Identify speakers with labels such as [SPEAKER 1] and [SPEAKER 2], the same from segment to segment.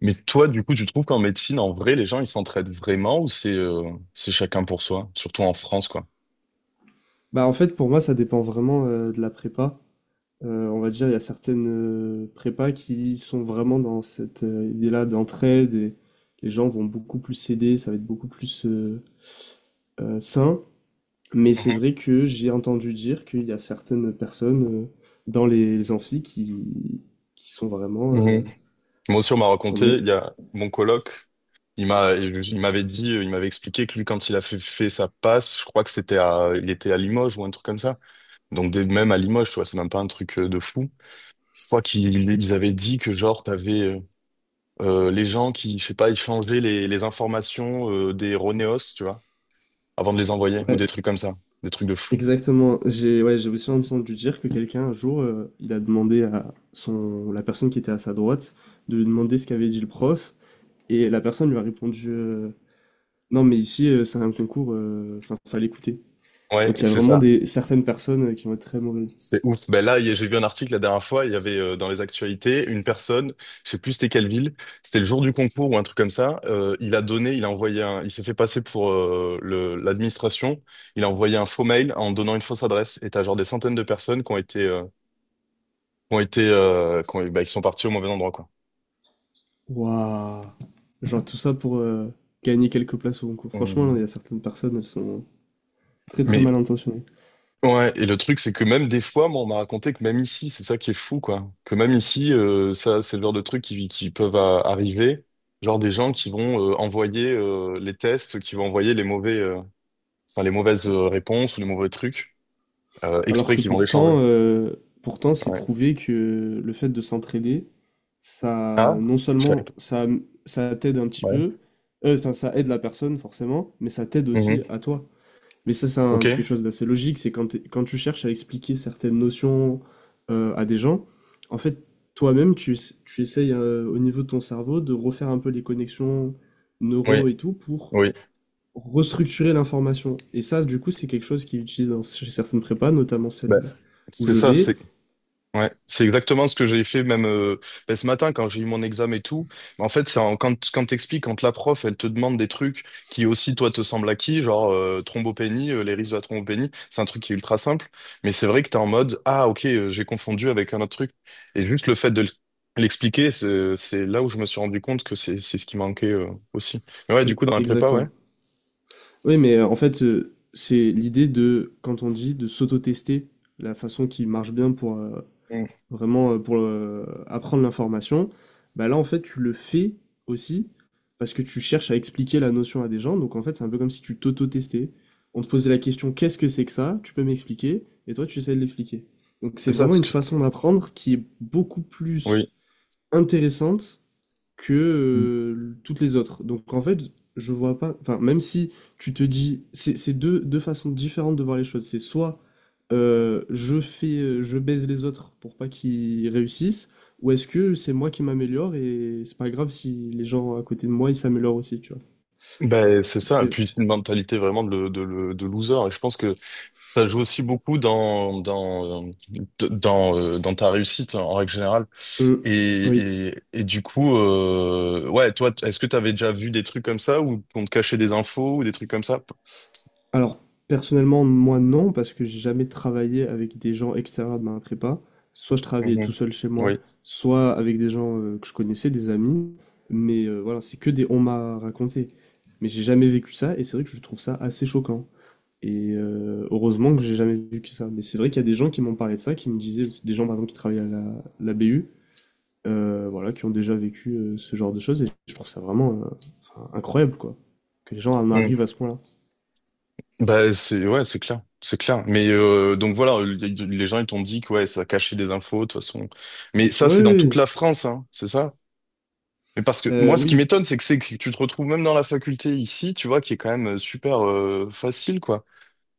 [SPEAKER 1] Mais toi, du coup, tu trouves qu'en médecine, en vrai, les gens, ils s'entraident vraiment ou c'est chacun pour soi, surtout en France, quoi.
[SPEAKER 2] Bah, en fait, pour moi, ça dépend vraiment de la prépa. On va dire, il y a certaines prépas qui sont vraiment dans cette idée-là d'entraide et les gens vont beaucoup plus s'aider, ça va être beaucoup plus sain. Mais c'est vrai que j'ai entendu dire qu'il y a certaines personnes dans les amphis qui sont vraiment...
[SPEAKER 1] Mhm. Moi aussi, on m'a
[SPEAKER 2] sont
[SPEAKER 1] raconté, il y a mon coloc, il m'avait dit, il m'avait expliqué que lui, quand il a fait sa passe, je crois que c'était à, il était à Limoges ou un truc comme ça. Donc, même à Limoges, tu vois, c'est même pas un truc de fou. Je crois qu'ils avaient dit que, genre, t'avais les gens qui, je sais pas, ils changeaient les informations des Roneos, tu vois, avant de les envoyer ou
[SPEAKER 2] Ouais,
[SPEAKER 1] des trucs comme ça, des trucs de fou.
[SPEAKER 2] exactement. J'ai aussi entendu dire que quelqu'un, un jour, il a demandé à son, la personne qui était à sa droite de lui demander ce qu'avait dit le prof. Et la personne lui a répondu non, mais ici, c'est un concours, enfin, fallait écouter.
[SPEAKER 1] Ouais,
[SPEAKER 2] Donc il y a
[SPEAKER 1] c'est
[SPEAKER 2] vraiment
[SPEAKER 1] ça.
[SPEAKER 2] des, certaines personnes qui vont être très mauvaises.
[SPEAKER 1] C'est ouf. Ben là, j'ai vu un article la dernière fois, il y avait dans les actualités une personne, je sais plus c'était quelle ville, c'était le jour du concours ou un truc comme ça, il a envoyé un, il s'est fait passer pour l'administration, il a envoyé un faux mail en donnant une fausse adresse et t'as genre des centaines de personnes qui ont été qui sont parties au mauvais endroit, quoi.
[SPEAKER 2] Waouh! Genre tout ça pour gagner quelques places au concours. Franchement, il
[SPEAKER 1] On-
[SPEAKER 2] y a certaines personnes, elles sont très très
[SPEAKER 1] Mais
[SPEAKER 2] mal intentionnées.
[SPEAKER 1] ouais, et le truc, c'est que même des fois, moi, on m'a raconté que même ici, c'est ça qui est fou, quoi. Que même ici, ça, c'est le genre de trucs qui peuvent arriver. Genre des gens qui vont envoyer les tests, qui vont envoyer les mauvais, enfin, les mauvaises réponses ou les mauvais trucs,
[SPEAKER 2] Alors
[SPEAKER 1] exprès
[SPEAKER 2] que
[SPEAKER 1] qu'ils vont les changer.
[SPEAKER 2] pourtant, pourtant c'est
[SPEAKER 1] Ouais.
[SPEAKER 2] prouvé que le fait de s'entraider, ça,
[SPEAKER 1] Ah,
[SPEAKER 2] non
[SPEAKER 1] je savais
[SPEAKER 2] seulement
[SPEAKER 1] pas.
[SPEAKER 2] ça, ça t'aide un petit
[SPEAKER 1] Ouais.
[SPEAKER 2] peu, enfin, ça aide la personne forcément, mais ça t'aide aussi
[SPEAKER 1] Mhm.
[SPEAKER 2] à toi. Mais ça, c'est quelque
[SPEAKER 1] Ok.
[SPEAKER 2] chose d'assez logique, c'est quand tu cherches à expliquer certaines notions à des gens, en fait, toi-même, tu essayes au niveau de ton cerveau de refaire un peu les connexions
[SPEAKER 1] Oui.
[SPEAKER 2] neuro et tout pour
[SPEAKER 1] Oui.
[SPEAKER 2] restructurer l'information. Et ça, du coup, c'est quelque chose qu'ils utilisent dans, chez certaines prépas, notamment celle
[SPEAKER 1] Bah,
[SPEAKER 2] où
[SPEAKER 1] c'est
[SPEAKER 2] je
[SPEAKER 1] ça,
[SPEAKER 2] vais.
[SPEAKER 1] c'est. Ouais, c'est exactement ce que j'ai fait même ben, ce matin quand j'ai eu mon examen et tout. En fait, quand t'expliques, quand la prof elle te demande des trucs qui aussi toi te semblent acquis, genre thrombopénie, les risques de la thrombopénie, c'est un truc qui est ultra simple, mais c'est vrai que t'es en mode ah ok j'ai confondu avec un autre truc et juste le fait de l'expliquer, c'est là où je me suis rendu compte que c'est ce qui manquait aussi. Mais ouais, du coup dans la prépa, ouais.
[SPEAKER 2] Exactement. Oui, mais en fait, c'est l'idée de, quand on dit de s'auto-tester, la façon qui marche bien pour
[SPEAKER 1] Mm.
[SPEAKER 2] vraiment pour apprendre l'information, bah là en fait tu le fais aussi parce que tu cherches à expliquer la notion à des gens. Donc en fait c'est un peu comme si tu t'auto-testais. On te posait la question, qu'est-ce que c'est que ça? Tu peux m'expliquer? Et toi tu essaies de l'expliquer. Donc c'est
[SPEAKER 1] c'est ça
[SPEAKER 2] vraiment
[SPEAKER 1] ce
[SPEAKER 2] une
[SPEAKER 1] que
[SPEAKER 2] façon d'apprendre qui est beaucoup
[SPEAKER 1] oui.
[SPEAKER 2] plus intéressante que toutes les autres. Donc en fait je vois pas, enfin même si tu te dis, c'est deux façons différentes de voir les choses. C'est soit je baise les autres pour pas qu'ils réussissent, ou est-ce que c'est moi qui m'améliore et c'est pas grave si les gens à côté de moi ils s'améliorent aussi, tu vois.
[SPEAKER 1] Ben, c'est
[SPEAKER 2] Donc
[SPEAKER 1] ça, et
[SPEAKER 2] c'est,
[SPEAKER 1] puis une mentalité vraiment de, de loser. Et je pense que ça joue aussi beaucoup dans ta réussite en règle générale.
[SPEAKER 2] hum, oui.
[SPEAKER 1] Et, et du coup, ouais, toi, est-ce que tu avais déjà vu des trucs comme ça ou qu'on te cachait des infos ou des trucs comme ça?
[SPEAKER 2] Alors personnellement moi non parce que j'ai jamais travaillé avec des gens extérieurs de ma prépa. Soit je travaillais tout
[SPEAKER 1] Mhm.
[SPEAKER 2] seul chez moi,
[SPEAKER 1] Oui.
[SPEAKER 2] soit avec des gens que je connaissais, des amis. Mais voilà, c'est que des on m'a raconté. Mais j'ai jamais vécu ça et c'est vrai que je trouve ça assez choquant. Et heureusement que j'ai jamais vu que ça. Mais c'est vrai qu'il y a des gens qui m'ont parlé de ça, qui me disaient, des gens par exemple qui travaillent à la BU, voilà, qui ont déjà vécu ce genre de choses. Et je trouve ça vraiment enfin, incroyable, quoi. Que les gens en arrivent à
[SPEAKER 1] Mm.
[SPEAKER 2] ce point-là.
[SPEAKER 1] Bah, c'est ouais, c'est clair. Mais donc voilà, les gens ils t'ont dit que ouais, ça cachait des infos de toute façon. Mais
[SPEAKER 2] Oui,
[SPEAKER 1] ça
[SPEAKER 2] oui,
[SPEAKER 1] c'est dans toute
[SPEAKER 2] oui.
[SPEAKER 1] la France, hein, c'est ça? Mais parce que moi, ce qui
[SPEAKER 2] Oui.
[SPEAKER 1] m'étonne, c'est que tu te retrouves même dans la faculté ici, tu vois, qui est quand même super facile, quoi.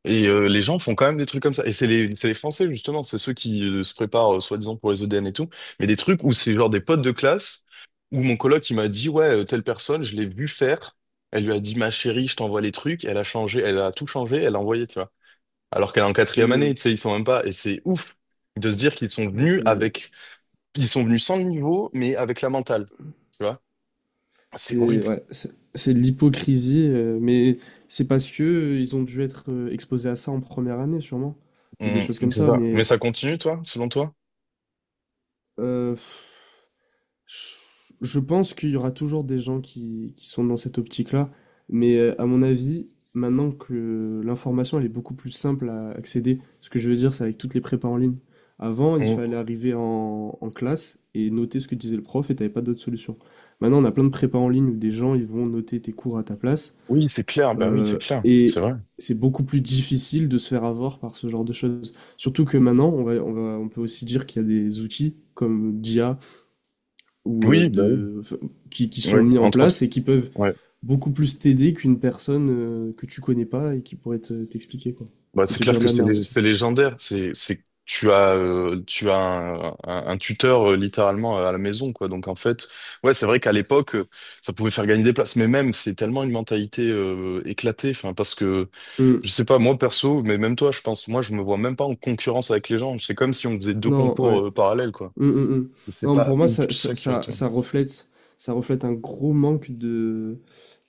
[SPEAKER 1] Et les gens font quand même des trucs comme ça. Et c'est c'est les Français, justement, c'est ceux qui se préparent, soi-disant, pour les EDN et tout. Mais des trucs où c'est genre des potes de classe, où mon coloc, il m'a dit, ouais, telle personne, je l'ai vu faire. Elle lui a dit, ma chérie, je t'envoie les trucs. Elle a changé, elle a tout changé, elle a envoyé, tu vois. Alors qu'elle est en quatrième année,
[SPEAKER 2] Hmm.
[SPEAKER 1] tu sais, ils sont même pas. Et c'est ouf de se dire qu'ils sont
[SPEAKER 2] Ouais,
[SPEAKER 1] venus avec, ils sont venus sans le niveau, mais avec la mentale, tu vois. C'est horrible.
[SPEAKER 2] ouais, c'est de l'hypocrisie, mais c'est parce que ils ont dû être exposés à ça en première année, sûrement, ou des
[SPEAKER 1] Mm,
[SPEAKER 2] choses comme
[SPEAKER 1] c'est
[SPEAKER 2] ça.
[SPEAKER 1] ça. Mais
[SPEAKER 2] Mais
[SPEAKER 1] ça continue, toi, selon toi?
[SPEAKER 2] euh, je pense qu'il y aura toujours des gens qui sont dans cette optique-là, mais à mon avis, maintenant que l'information elle est beaucoup plus simple à accéder, ce que je veux dire, c'est avec toutes les prépas en ligne. Avant, il fallait
[SPEAKER 1] Mm.
[SPEAKER 2] arriver en classe et noter ce que disait le prof et t'avais pas d'autre solution. Maintenant, on a plein de prépas en ligne où des gens ils vont noter tes cours à ta place
[SPEAKER 1] Oui, c'est clair. Bah oui, c'est clair. C'est
[SPEAKER 2] et
[SPEAKER 1] vrai.
[SPEAKER 2] c'est beaucoup plus difficile de se faire avoir par ce genre de choses. Surtout que maintenant, on peut aussi dire qu'il y a des outils comme d'IA ou
[SPEAKER 1] Oui, bah oui.
[SPEAKER 2] qui sont
[SPEAKER 1] Oui,
[SPEAKER 2] mis en
[SPEAKER 1] entre autres.
[SPEAKER 2] place et qui peuvent
[SPEAKER 1] Ouais.
[SPEAKER 2] beaucoup plus t'aider qu'une personne que tu connais pas et qui pourrait t'expliquer quoi
[SPEAKER 1] Bah,
[SPEAKER 2] et
[SPEAKER 1] c'est
[SPEAKER 2] te
[SPEAKER 1] clair
[SPEAKER 2] dire de
[SPEAKER 1] que
[SPEAKER 2] la merde aussi.
[SPEAKER 1] c'est légendaire. Tu as un tuteur littéralement à la maison, quoi. Donc en fait, ouais, c'est vrai qu'à l'époque, ça pouvait faire gagner des places. Mais même, c'est tellement une mentalité éclatée. Enfin, parce que je
[SPEAKER 2] Hmm.
[SPEAKER 1] sais pas, moi perso, mais même toi, je pense, moi, je me vois même pas en concurrence avec les gens. C'est comme si on faisait deux
[SPEAKER 2] Non,
[SPEAKER 1] concours
[SPEAKER 2] ouais.
[SPEAKER 1] parallèles, quoi.
[SPEAKER 2] Hmm, hmm, hmm.
[SPEAKER 1] Parce que c'est
[SPEAKER 2] Non,
[SPEAKER 1] pas
[SPEAKER 2] pour moi
[SPEAKER 1] une ça qui va te.
[SPEAKER 2] ça reflète, ça reflète un gros manque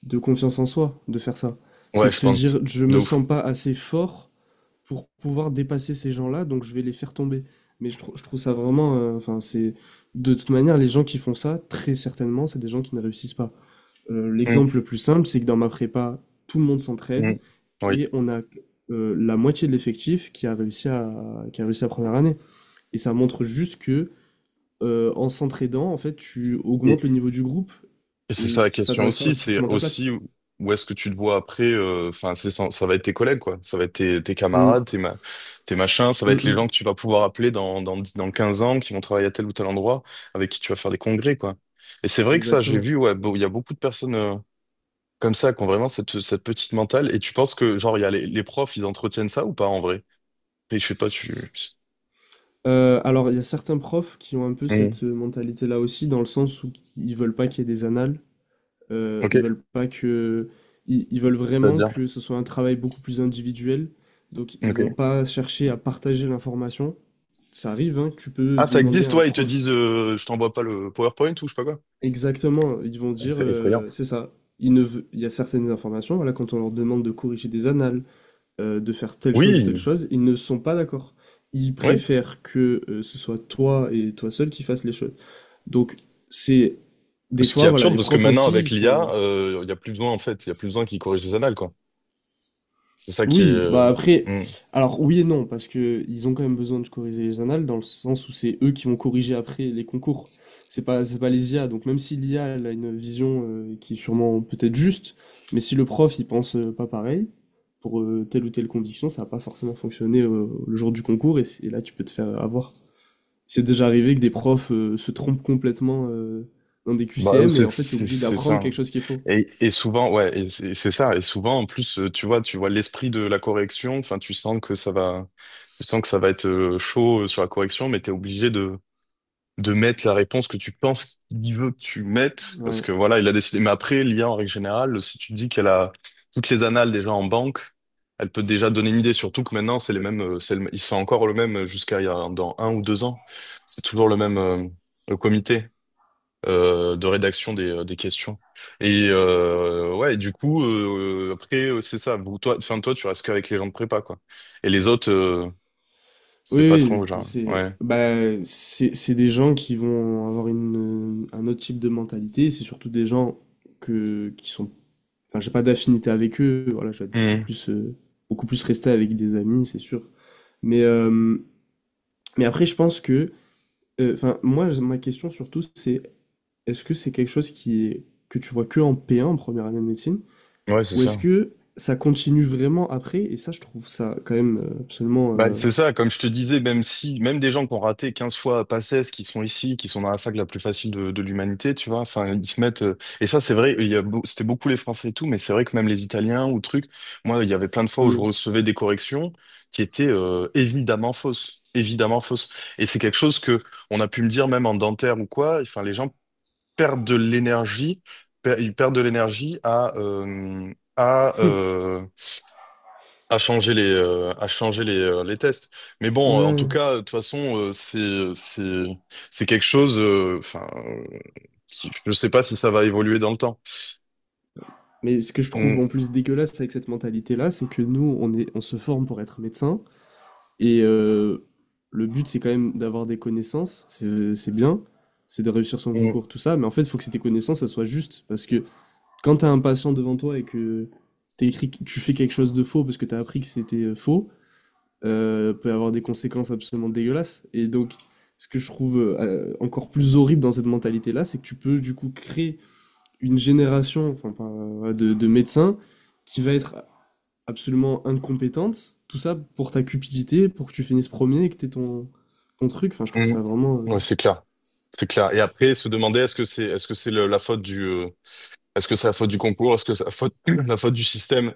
[SPEAKER 2] de confiance en soi de faire ça. C'est
[SPEAKER 1] Ouais,
[SPEAKER 2] de
[SPEAKER 1] je
[SPEAKER 2] se
[SPEAKER 1] pense.
[SPEAKER 2] dire je
[SPEAKER 1] De
[SPEAKER 2] me
[SPEAKER 1] ouf.
[SPEAKER 2] sens pas assez fort pour pouvoir dépasser ces gens-là donc je vais les faire tomber. Mais je trouve ça vraiment enfin c'est de toute manière les gens qui font ça très certainement c'est des gens qui ne réussissent pas.
[SPEAKER 1] Mm,
[SPEAKER 2] L'exemple le plus simple, c'est que dans ma prépa, tout le monde s'entraide
[SPEAKER 1] mm.
[SPEAKER 2] et on a la moitié de l'effectif qui a réussi à qui a réussi la première année. Et ça montre juste que en s'entraidant, en fait, tu
[SPEAKER 1] Oui.
[SPEAKER 2] augmentes le niveau du groupe
[SPEAKER 1] Et c'est
[SPEAKER 2] et
[SPEAKER 1] ça la
[SPEAKER 2] ça
[SPEAKER 1] question
[SPEAKER 2] t'enlève pas
[SPEAKER 1] aussi, c'est
[SPEAKER 2] forcément ta place.
[SPEAKER 1] aussi où est-ce que tu te vois après, enfin, c'est ça, ça va être tes collègues, quoi. Ça va être tes
[SPEAKER 2] Mm,
[SPEAKER 1] camarades, tes machins, ça va
[SPEAKER 2] mm,
[SPEAKER 1] être les
[SPEAKER 2] mm,
[SPEAKER 1] gens que tu vas pouvoir appeler dans 15 ans, qui vont travailler à tel ou tel endroit, avec qui tu vas faire des congrès, quoi. Et c'est vrai que ça, j'ai
[SPEAKER 2] exactement.
[SPEAKER 1] vu, ouais, bon, il y a beaucoup de personnes comme ça qui ont vraiment cette, cette petite mentale. Et tu penses que, genre, il y a les profs, ils entretiennent ça ou pas en vrai? Et je sais pas, tu.
[SPEAKER 2] Alors, il y a certains profs qui ont un peu
[SPEAKER 1] Hmm.
[SPEAKER 2] cette mentalité-là aussi, dans le sens où ils veulent pas qu'il y ait des annales. Ils
[SPEAKER 1] Ok,
[SPEAKER 2] veulent pas que, ils veulent vraiment
[SPEAKER 1] c'est-à-dire.
[SPEAKER 2] que ce soit un travail beaucoup plus individuel. Donc ils
[SPEAKER 1] Ok.
[SPEAKER 2] vont pas chercher à partager l'information. Ça arrive, hein, que tu peux
[SPEAKER 1] Ah, ça
[SPEAKER 2] demander à
[SPEAKER 1] existe,
[SPEAKER 2] un
[SPEAKER 1] ouais, ils te
[SPEAKER 2] prof,
[SPEAKER 1] disent, je t'envoie pas le PowerPoint ou je sais pas quoi.
[SPEAKER 2] exactement. Ils vont dire,
[SPEAKER 1] C'est effrayant.
[SPEAKER 2] c'est ça. Il ne veut- Il y a certaines informations. Voilà, quand on leur demande de corriger des annales, de faire telle chose ou telle
[SPEAKER 1] Oui,
[SPEAKER 2] chose, ils ne sont pas d'accord. Ils
[SPEAKER 1] oui.
[SPEAKER 2] préfèrent que ce soit toi et toi seul qui fasses les choses. Donc c'est des
[SPEAKER 1] Ce qui est
[SPEAKER 2] fois, voilà,
[SPEAKER 1] absurde
[SPEAKER 2] les
[SPEAKER 1] parce que
[SPEAKER 2] profs
[SPEAKER 1] maintenant
[SPEAKER 2] aussi, ils
[SPEAKER 1] avec l'IA,
[SPEAKER 2] sont.
[SPEAKER 1] il y a plus besoin en fait, il y a plus besoin qu'ils corrigent les annales, quoi. C'est ça qui est.
[SPEAKER 2] Oui, bah après,
[SPEAKER 1] Mm.
[SPEAKER 2] alors oui et non, parce que ils ont quand même besoin de corriger les annales dans le sens où c'est eux qui vont corriger après les concours. C'est pas les IA. Donc même si l'IA elle a une vision qui est sûrement peut-être juste, mais si le prof il pense pas pareil pour telle ou telle condition, ça va pas forcément fonctionner le jour du concours et, et là tu peux te faire avoir. C'est déjà arrivé que des profs se trompent complètement dans des
[SPEAKER 1] Bah
[SPEAKER 2] QCM et
[SPEAKER 1] c'est
[SPEAKER 2] en fait t'es
[SPEAKER 1] c'est
[SPEAKER 2] obligé
[SPEAKER 1] c'est
[SPEAKER 2] d'apprendre
[SPEAKER 1] ça.
[SPEAKER 2] quelque chose qui est faux.
[SPEAKER 1] Et souvent ouais, et c'est ça. Et souvent en plus, tu vois l'esprit de la correction. Enfin, tu sens que ça va être chaud sur la correction, mais t'es obligé de mettre la réponse que tu penses qu'il veut que tu mettes, parce
[SPEAKER 2] Ouais.
[SPEAKER 1] que voilà, il a décidé. Mais après, l'IA, en règle générale, si tu dis qu'elle a toutes les annales déjà en banque, elle peut déjà donner une idée, surtout que maintenant, c'est les mêmes, ils sont encore le même jusqu'à il y a, dans un ou deux ans. C'est toujours le même le comité de rédaction des questions. Et ouais, et du coup, après, c'est ça. Toi, tu restes qu'avec les gens de prépa, quoi. Et les autres, c'est pas
[SPEAKER 2] Oui,
[SPEAKER 1] trop,
[SPEAKER 2] oui,
[SPEAKER 1] genre.
[SPEAKER 2] c'est
[SPEAKER 1] Ouais.
[SPEAKER 2] bah c'est des gens qui vont avoir une un autre type de mentalité, c'est surtout des gens que qui sont enfin j'ai pas d'affinité avec eux, voilà, je vais être
[SPEAKER 1] Mhm.
[SPEAKER 2] beaucoup plus resté avec des amis, c'est sûr. Mais euh, mais après je pense que enfin moi ma question surtout c'est est-ce que c'est quelque chose qui est que tu vois que en P1 en première année de médecine
[SPEAKER 1] Ouais, c'est
[SPEAKER 2] ou est-ce
[SPEAKER 1] ça.
[SPEAKER 2] que ça continue vraiment après et ça je trouve ça quand même absolument
[SPEAKER 1] Bah, c'est ça, comme je te disais, même si, même des gens qui ont raté 15 fois Paces, qui sont ici, qui sont dans la fac la plus facile de l'humanité, tu vois, enfin, ils se mettent, et ça, c'est vrai, il y a, c'était beaucoup les Français et tout, mais c'est vrai que même les Italiens ou trucs, moi, il y avait plein de fois où je
[SPEAKER 2] hmm,
[SPEAKER 1] recevais des corrections qui étaient, évidemment fausses, évidemment fausses. Et c'est quelque chose que on a pu me dire même en dentaire ou quoi, enfin, les gens perdent de l'énergie, per- ils perdent de l'énergie à, à changer les tests. Mais bon, en
[SPEAKER 2] hmm,
[SPEAKER 1] tout
[SPEAKER 2] ouais.
[SPEAKER 1] cas, de toute façon, c'est c'est quelque chose. Qui- je sais pas si ça va évoluer dans le temps.
[SPEAKER 2] Mais ce que je trouve en
[SPEAKER 1] Mm,
[SPEAKER 2] plus dégueulasse avec cette mentalité-là, c'est que nous, on se forme pour être médecin. Et le but, c'est quand même d'avoir des connaissances. C'est bien. C'est de réussir son concours,
[SPEAKER 1] mm,
[SPEAKER 2] tout ça. Mais en fait, il faut que tes connaissances, elles soient justes. Parce que quand t'as un patient devant toi et que t'écris, tu fais quelque chose de faux parce que t'as appris que c'était faux, peut avoir des conséquences absolument dégueulasses. Et donc, ce que je trouve encore plus horrible dans cette mentalité-là, c'est que tu peux du coup créer une génération enfin, ouais, de médecins qui va être absolument incompétente. Tout ça pour ta cupidité, pour que tu finisses premier et que t'aies ton, ton truc. Enfin, je trouve
[SPEAKER 1] mm.
[SPEAKER 2] ça vraiment. Euh,
[SPEAKER 1] Ouais, c'est clair, c'est clair. Et après, se demander est-ce que c'est la faute du concours, est-ce que c'est la faute la faute du système.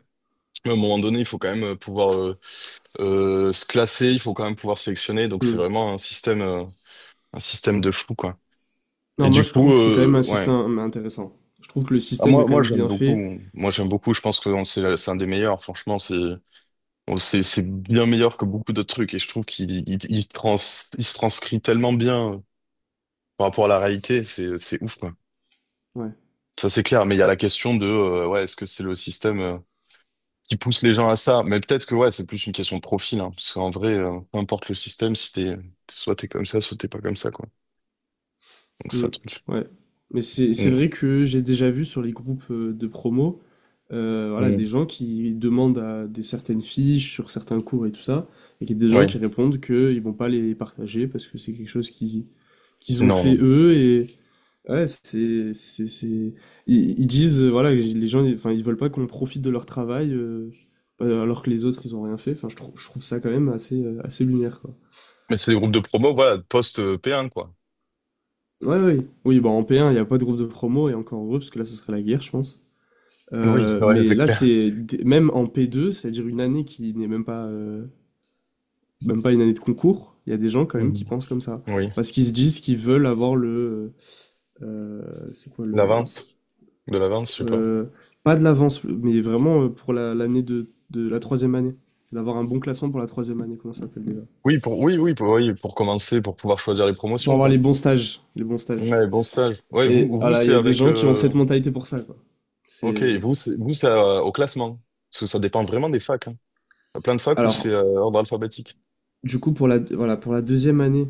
[SPEAKER 1] Mais à un moment donné, il faut quand même pouvoir se classer, il faut quand même pouvoir sélectionner. Donc c'est
[SPEAKER 2] hmm.
[SPEAKER 1] vraiment un système de fou, quoi. Et
[SPEAKER 2] Non, moi,
[SPEAKER 1] du
[SPEAKER 2] je
[SPEAKER 1] coup,
[SPEAKER 2] trouve que c'est quand même un
[SPEAKER 1] ouais.
[SPEAKER 2] système intéressant. Je trouve que le
[SPEAKER 1] Ah,
[SPEAKER 2] système est quand
[SPEAKER 1] moi
[SPEAKER 2] même
[SPEAKER 1] j'aime
[SPEAKER 2] bien
[SPEAKER 1] beaucoup.
[SPEAKER 2] fait.
[SPEAKER 1] Moi, j'aime beaucoup. Je pense que c'est un des meilleurs. Franchement, c'est bien meilleur que beaucoup d'autres trucs. Et je trouve qu'il trans, il se transcrit tellement bien par rapport à la réalité. C'est ouf, quoi.
[SPEAKER 2] Ouais.
[SPEAKER 1] Ça, c'est clair. Mais il y a la question de ouais, est-ce que c'est le système qui pousse les gens à ça? Mais peut-être que ouais, c'est plus une question de profil, hein, parce qu'en vrai, peu importe le système, si t'es soit t'es comme ça, soit t'es pas comme ça, quoi. Donc
[SPEAKER 2] Hmm.
[SPEAKER 1] ça, truc.
[SPEAKER 2] Ouais. Mais c'est
[SPEAKER 1] Mm,
[SPEAKER 2] vrai que j'ai déjà vu sur les groupes de promo, voilà, des
[SPEAKER 1] mm.
[SPEAKER 2] gens qui demandent à des certaines fiches sur certains cours et tout ça, et qu'il y a des gens
[SPEAKER 1] Ouais.
[SPEAKER 2] qui répondent qu'ils vont pas les partager parce que c'est quelque chose qui qu'ils ont
[SPEAKER 1] Non.
[SPEAKER 2] fait eux et ouais, c'est ils disent voilà, enfin ils veulent pas qu'on profite de leur travail alors que les autres ils ont rien fait. Enfin je trouve ça quand même assez assez lunaire quoi.
[SPEAKER 1] Mais c'est des groupes de promo, voilà, post-P1, quoi.
[SPEAKER 2] Ouais ouais. Oui, oui, bah en P1, il n'y a pas de groupe de promo et encore heureux parce que là ce serait la guerre, je pense.
[SPEAKER 1] Oui, ouais,
[SPEAKER 2] Mais
[SPEAKER 1] c'est
[SPEAKER 2] là
[SPEAKER 1] clair.
[SPEAKER 2] même en P2, c'est-à-dire une année qui n'est même pas même pas une année de concours, il y a des gens quand même qui pensent comme ça
[SPEAKER 1] Oui,
[SPEAKER 2] parce qu'ils se disent qu'ils veulent avoir le euh, c'est quoi le,
[SPEAKER 1] l'avance, de l'avance, je sais pas.
[SPEAKER 2] heu, pas de l'avance, mais vraiment, pour la l'année de la troisième année. D'avoir un bon classement pour la troisième année, comment ça s'appelle déjà?
[SPEAKER 1] Oui, pour commencer, pour pouvoir choisir les
[SPEAKER 2] Pour
[SPEAKER 1] promotions,
[SPEAKER 2] avoir les
[SPEAKER 1] quoi.
[SPEAKER 2] bons stages, les bons stages.
[SPEAKER 1] Ouais, bon stage.
[SPEAKER 2] Et voilà, il y a des gens qui ont cette mentalité pour ça, quoi.
[SPEAKER 1] Ok,
[SPEAKER 2] C'est
[SPEAKER 1] vous, c'est au classement. Parce que ça dépend vraiment des facs, hein. Il y a plein de facs où c'est
[SPEAKER 2] alors,
[SPEAKER 1] ordre alphabétique.
[SPEAKER 2] du coup, pour la voilà, pour la deuxième année,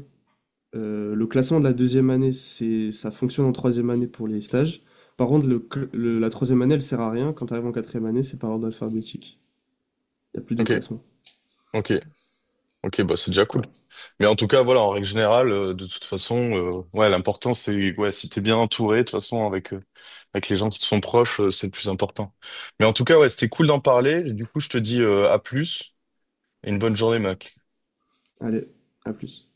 [SPEAKER 2] le classement de la deuxième année, c'est ça fonctionne en troisième année pour les stages. Par contre, le cl le la troisième année, elle sert à rien. Quand tu arrives en quatrième année, c'est par ordre alphabétique. Il y a plus de
[SPEAKER 1] Ok,
[SPEAKER 2] classement.
[SPEAKER 1] ok, ok, bah, c'est déjà cool.
[SPEAKER 2] Voilà.
[SPEAKER 1] Mais en tout cas, voilà, en règle générale, de toute façon, ouais, l'important, c'est, ouais, si t'es bien entouré, de toute façon, avec les gens qui te sont proches, c'est le plus important. Mais en tout cas, ouais, c'était cool d'en parler. Du coup, je te dis, à plus et une bonne journée, mec.
[SPEAKER 2] Allez, à plus.